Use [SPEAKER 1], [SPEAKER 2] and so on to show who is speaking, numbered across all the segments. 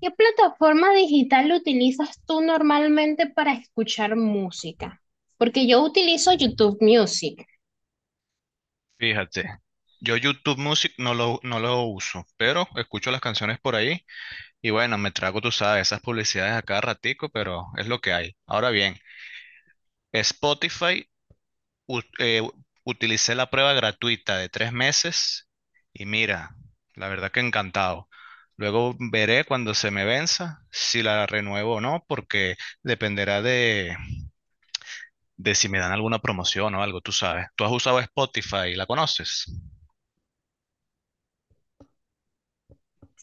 [SPEAKER 1] ¿Qué plataforma digital utilizas tú normalmente para escuchar música? Porque yo utilizo YouTube Music.
[SPEAKER 2] Fíjate, yo YouTube Music no lo uso, pero escucho las canciones por ahí y bueno, me trago, tú sabes, esas publicidades a cada ratico, pero es lo que hay. Ahora bien, Spotify, u- eh, utilicé la prueba gratuita de 3 meses y mira, la verdad que encantado. Luego veré cuando se me venza si la renuevo o no, porque dependerá de si me dan alguna promoción o algo, tú sabes. ¿Tú has usado Spotify? ¿La conoces?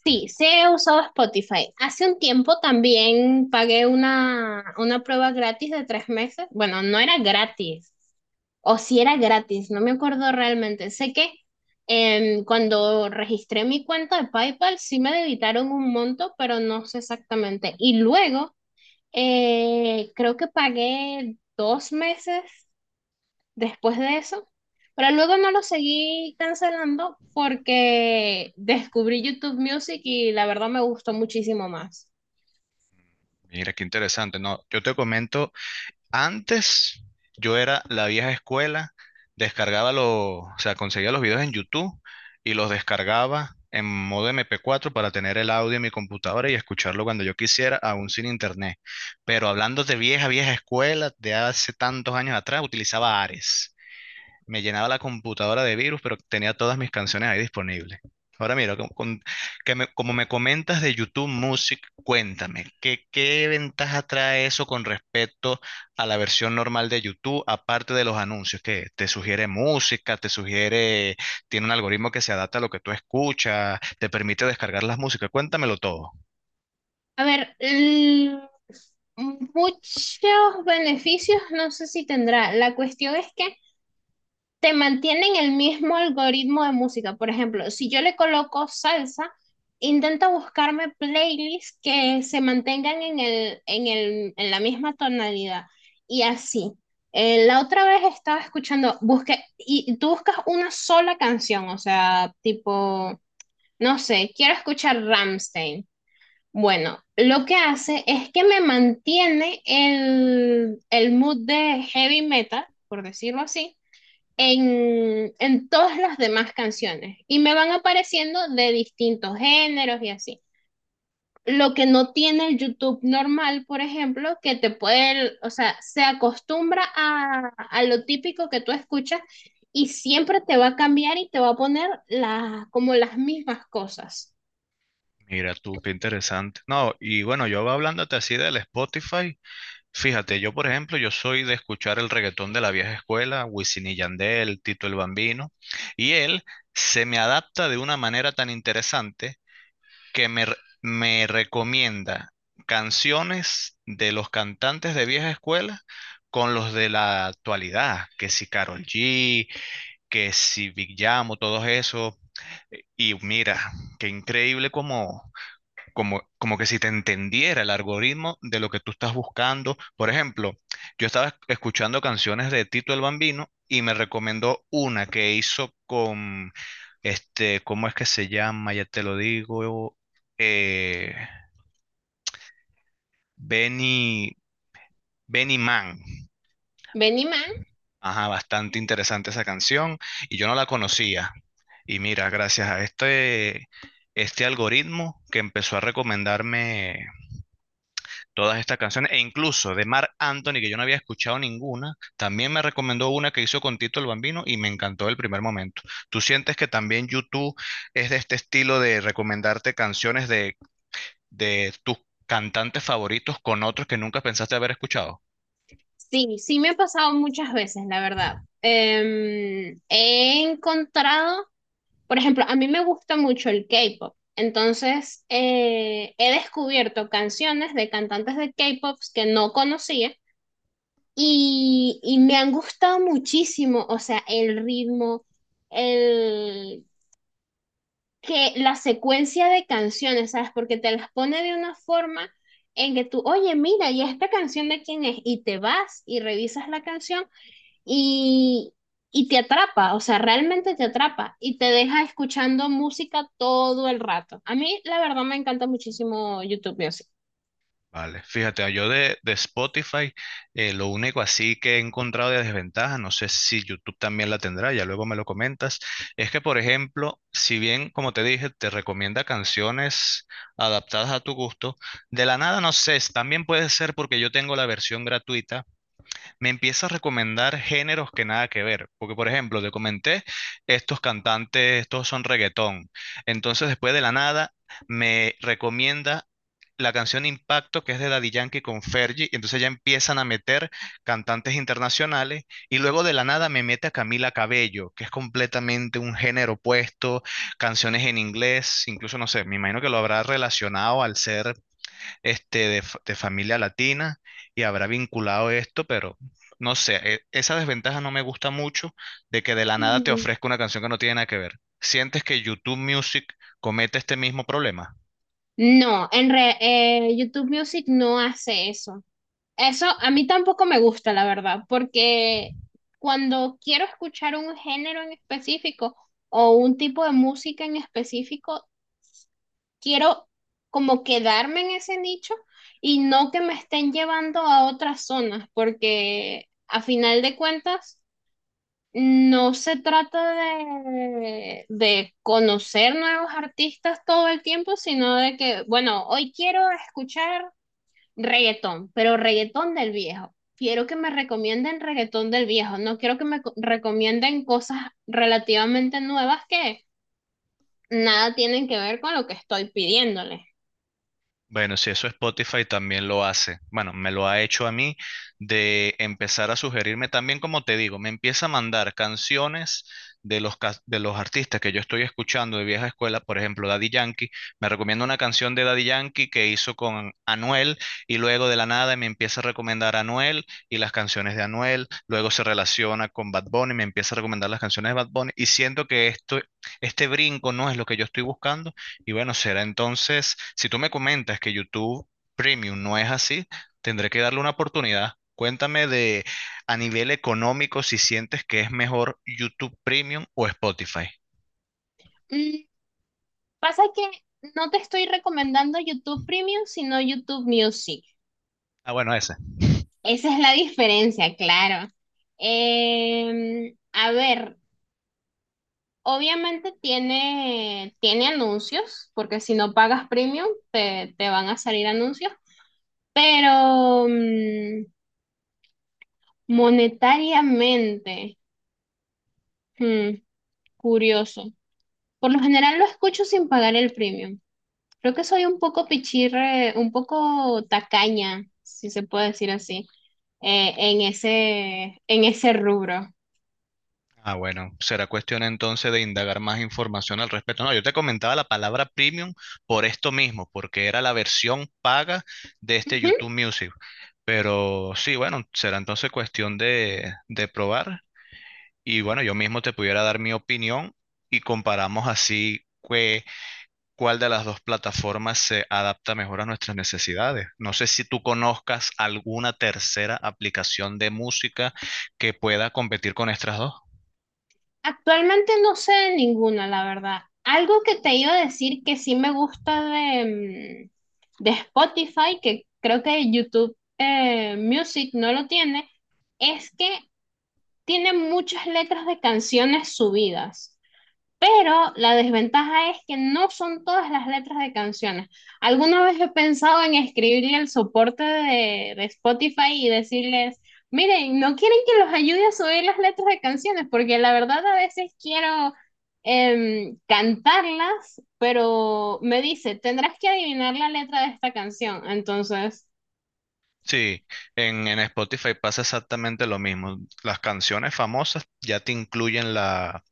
[SPEAKER 1] Sí, sí he usado Spotify. Hace un tiempo también pagué una prueba gratis de tres meses. Bueno, no era gratis, o si era gratis, no me acuerdo realmente. Sé que cuando registré mi cuenta de PayPal sí me debitaron un monto, pero no sé exactamente. Y luego creo que pagué dos meses después de eso, pero luego no lo seguí cancelando porque descubrí YouTube Music y la verdad me gustó muchísimo más.
[SPEAKER 2] Mira, qué interesante. No, yo te comento, antes yo era la vieja escuela, descargaba los, o sea, conseguía los videos en YouTube y los descargaba en modo MP4 para tener el audio en mi computadora y escucharlo cuando yo quisiera, aún sin internet. Pero hablando de vieja, vieja escuela, de hace tantos años atrás, utilizaba Ares, me llenaba la computadora de virus, pero tenía todas mis canciones ahí disponibles. Ahora mira, como me comentas de YouTube Music, cuéntame, ¿qué ventaja trae eso con respecto a la versión normal de YouTube, aparte de los anuncios, que te sugiere música, te sugiere, tiene un algoritmo que se adapta a lo que tú escuchas, te permite descargar las músicas? Cuéntamelo todo.
[SPEAKER 1] A ver, muchos beneficios no sé si tendrá. La cuestión es que te mantienen el mismo algoritmo de música. Por ejemplo, si yo le coloco salsa, intenta buscarme playlists que se mantengan en la misma tonalidad y así. La otra vez estaba escuchando, busqué, y tú buscas una sola canción, o sea, tipo, no sé, quiero escuchar Ramstein. Bueno, lo que hace es que me mantiene el mood de heavy metal, por decirlo así, en todas las demás canciones y me van apareciendo de distintos géneros y así. Lo que no tiene el YouTube normal, por ejemplo, que te puede, o sea, se acostumbra a lo típico que tú escuchas y siempre te va a cambiar y te va a poner las como las mismas cosas.
[SPEAKER 2] Mira tú, qué interesante. No, y bueno, yo hablándote así del Spotify, fíjate, yo por ejemplo, yo soy de escuchar el reggaetón de la vieja escuela, Wisin y Yandel, Tito el Bambino, y él se me adapta de una manera tan interesante que me recomienda canciones de los cantantes de vieja escuela con los de la actualidad, que si Karol G, que si Big Yamo, todos esos. Y mira, qué increíble como como que si te entendiera el algoritmo de lo que tú estás buscando. Por ejemplo, yo estaba escuchando canciones de Tito el Bambino y me recomendó una que hizo con, este, ¿cómo es que se llama? Ya te lo digo, eh, Benny, Benny Man.
[SPEAKER 1] Benimán,
[SPEAKER 2] Ajá, bastante interesante esa canción y yo no la conocía. Y mira, gracias a este algoritmo que empezó a recomendarme todas estas canciones, e incluso de Marc Anthony, que yo no había escuchado ninguna, también me recomendó una que hizo con Tito el Bambino y me encantó el primer momento. ¿Tú sientes que también YouTube es de este estilo de recomendarte canciones de tus cantantes favoritos con otros que nunca pensaste haber escuchado?
[SPEAKER 1] sí, sí me ha pasado muchas veces, la verdad. He encontrado. Por ejemplo, a mí me gusta mucho el K-pop, entonces he descubierto canciones de cantantes de K-pop que no conocía y me han gustado muchísimo, o sea, el ritmo, el, que la secuencia de canciones, ¿sabes? Porque te las pone de una forma en que tú, oye, mira, ¿y esta canción de quién es? Y te vas y revisas la canción y, y te atrapa, o sea, realmente te atrapa y te deja escuchando música todo el rato. A mí, la verdad, me encanta muchísimo YouTube Music.
[SPEAKER 2] Vale, fíjate, yo de Spotify, lo único así que he encontrado de desventaja, no sé si YouTube también la tendrá, ya luego me lo comentas, es que, por ejemplo, si bien, como te dije, te recomienda canciones adaptadas a tu gusto, de la nada, no sé, también puede ser porque yo tengo la versión gratuita, me empieza a recomendar géneros que nada que ver. Porque, por ejemplo, te comenté, estos cantantes, estos son reggaetón. Entonces, después de la nada, me recomienda la canción Impacto, que es de Daddy Yankee con Fergie, y entonces ya empiezan a meter cantantes internacionales, y luego de la nada me mete a Camila Cabello, que es completamente un género opuesto, canciones en inglés, incluso no sé, me imagino que lo habrá relacionado al ser este, de, de familia latina y habrá vinculado esto, pero no sé, esa desventaja no me gusta mucho de que de la nada te
[SPEAKER 1] Mm.
[SPEAKER 2] ofrezca una canción que no tiene nada que ver. ¿Sientes que YouTube Music comete este mismo problema?
[SPEAKER 1] No, YouTube Music no hace eso. Eso a mí tampoco me gusta, la verdad, porque cuando quiero escuchar un género en específico o un tipo de música en específico, quiero como quedarme en ese nicho y no que me estén llevando a otras zonas, porque a final de cuentas no se trata de conocer nuevos artistas todo el tiempo, sino de que, bueno, hoy quiero escuchar reggaetón, pero reggaetón del viejo. Quiero que me recomienden reggaetón del viejo. No quiero que me recomienden cosas relativamente nuevas que nada tienen que ver con lo que estoy pidiéndole.
[SPEAKER 2] Bueno, si eso Spotify también lo hace. Bueno, me lo ha hecho a mí, de empezar a sugerirme también, como te digo, me empieza a mandar canciones de los, de los artistas que yo estoy escuchando de vieja escuela, por ejemplo, Daddy Yankee. Me recomienda una canción de Daddy Yankee que hizo con Anuel y luego de la nada me empieza a recomendar a Anuel y las canciones de Anuel. Luego se relaciona con Bad Bunny, me empieza a recomendar las canciones de Bad Bunny y siento que esto, este brinco no es lo que yo estoy buscando y bueno, será entonces, si tú me comentas que YouTube Premium no es así, tendré que darle una oportunidad. Cuéntame, de a nivel económico, si sientes que es mejor YouTube Premium o Spotify.
[SPEAKER 1] Mm, Pasa que no te estoy recomendando YouTube Premium, sino YouTube Music.
[SPEAKER 2] Ah, bueno, ese.
[SPEAKER 1] Esa es la diferencia, claro. A ver, obviamente tiene anuncios, porque si no pagas Premium, te van a salir anuncios. Pero monetariamente, hmm, curioso. Por lo general lo escucho sin pagar el premium. Creo que soy un poco pichirre, un poco tacaña, si se puede decir así, en ese rubro.
[SPEAKER 2] Ah, bueno, será cuestión entonces de indagar más información al respecto. No, yo te comentaba la palabra Premium por esto mismo, porque era la versión paga de este
[SPEAKER 1] Ujú.
[SPEAKER 2] YouTube Music. Pero sí, bueno, será entonces cuestión de probar. Y bueno, yo mismo te pudiera dar mi opinión y comparamos, cuál de las dos plataformas se adapta mejor a nuestras necesidades. No sé si tú conozcas alguna tercera aplicación de música que pueda competir con estas dos.
[SPEAKER 1] Actualmente no sé de ninguna, la verdad. Algo que te iba a decir que sí me gusta de Spotify, que creo que YouTube Music no lo tiene, es que tiene muchas letras de canciones subidas, pero la desventaja es que no son todas las letras de canciones. Alguna vez he pensado en escribirle el soporte de Spotify y decirles, miren, no quieren que los ayude a subir las letras de canciones, porque la verdad a veces quiero cantarlas, pero me dice, tendrás que adivinar la letra de esta canción. Entonces,
[SPEAKER 2] Sí, en Spotify pasa exactamente lo mismo. Las canciones famosas ya te incluyen la,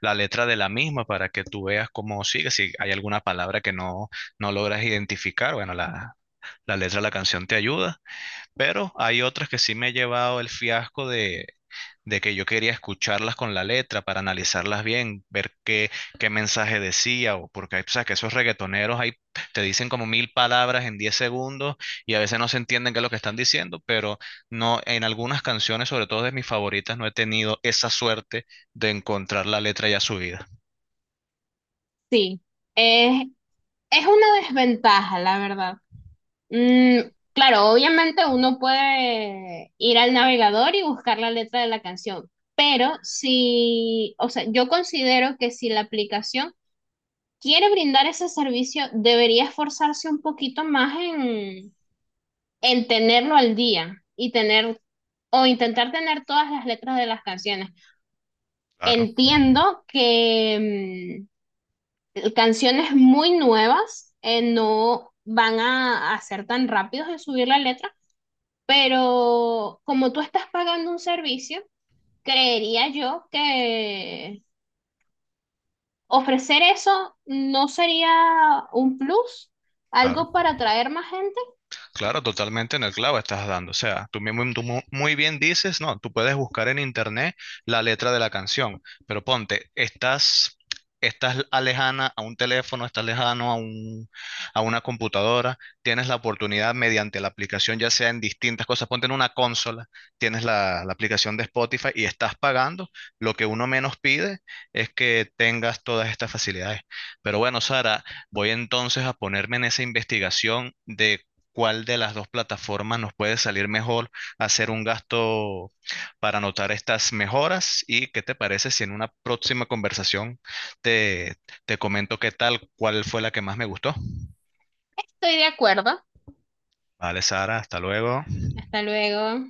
[SPEAKER 2] la letra de la misma para que tú veas cómo sigue. Si hay alguna palabra que no logras identificar, bueno, la letra de la canción te ayuda. Pero hay otras que sí me he llevado el fiasco de que yo quería escucharlas con la letra para analizarlas bien, ver qué mensaje decía, o porque hay, sabes que esos reggaetoneros ahí te dicen como 1.000 palabras en 10 segundos y a veces no se entienden qué es lo que están diciendo, pero no, en algunas canciones, sobre todo de mis favoritas, no he tenido esa suerte de encontrar la letra ya subida.
[SPEAKER 1] sí, es, es una desventaja, la verdad. Mm, claro, obviamente uno puede ir al navegador y buscar la letra de la canción, pero si, o sea, yo considero que si la aplicación quiere brindar ese servicio, debería esforzarse un poquito más en tenerlo al día y tener o intentar tener todas las letras de las canciones.
[SPEAKER 2] Claro.
[SPEAKER 1] Entiendo que canciones muy nuevas no van a ser tan rápidos en subir la letra. Pero como tú estás pagando un servicio, creería yo que ofrecer eso no sería un plus,
[SPEAKER 2] Claro,
[SPEAKER 1] algo para atraer más gente.
[SPEAKER 2] claro, totalmente en el clavo estás dando. O sea, tú mismo, tú muy bien dices, no, tú puedes buscar en internet la letra de la canción, pero ponte, estás, estás alejana a un teléfono, estás lejano a un, a una computadora, tienes la oportunidad mediante la aplicación, ya sea en distintas cosas, ponte en una consola, tienes la aplicación de Spotify y estás pagando. Lo que uno menos pide es que tengas todas estas facilidades. Pero bueno, Sara. Voy entonces a ponerme en esa investigación de cuál de las dos plataformas nos puede salir mejor, hacer un gasto para anotar estas mejoras, y qué te parece si en una próxima conversación te, te comento qué tal, cuál fue la que más me gustó.
[SPEAKER 1] Estoy de acuerdo.
[SPEAKER 2] Vale, Sara, hasta luego.
[SPEAKER 1] Hasta luego.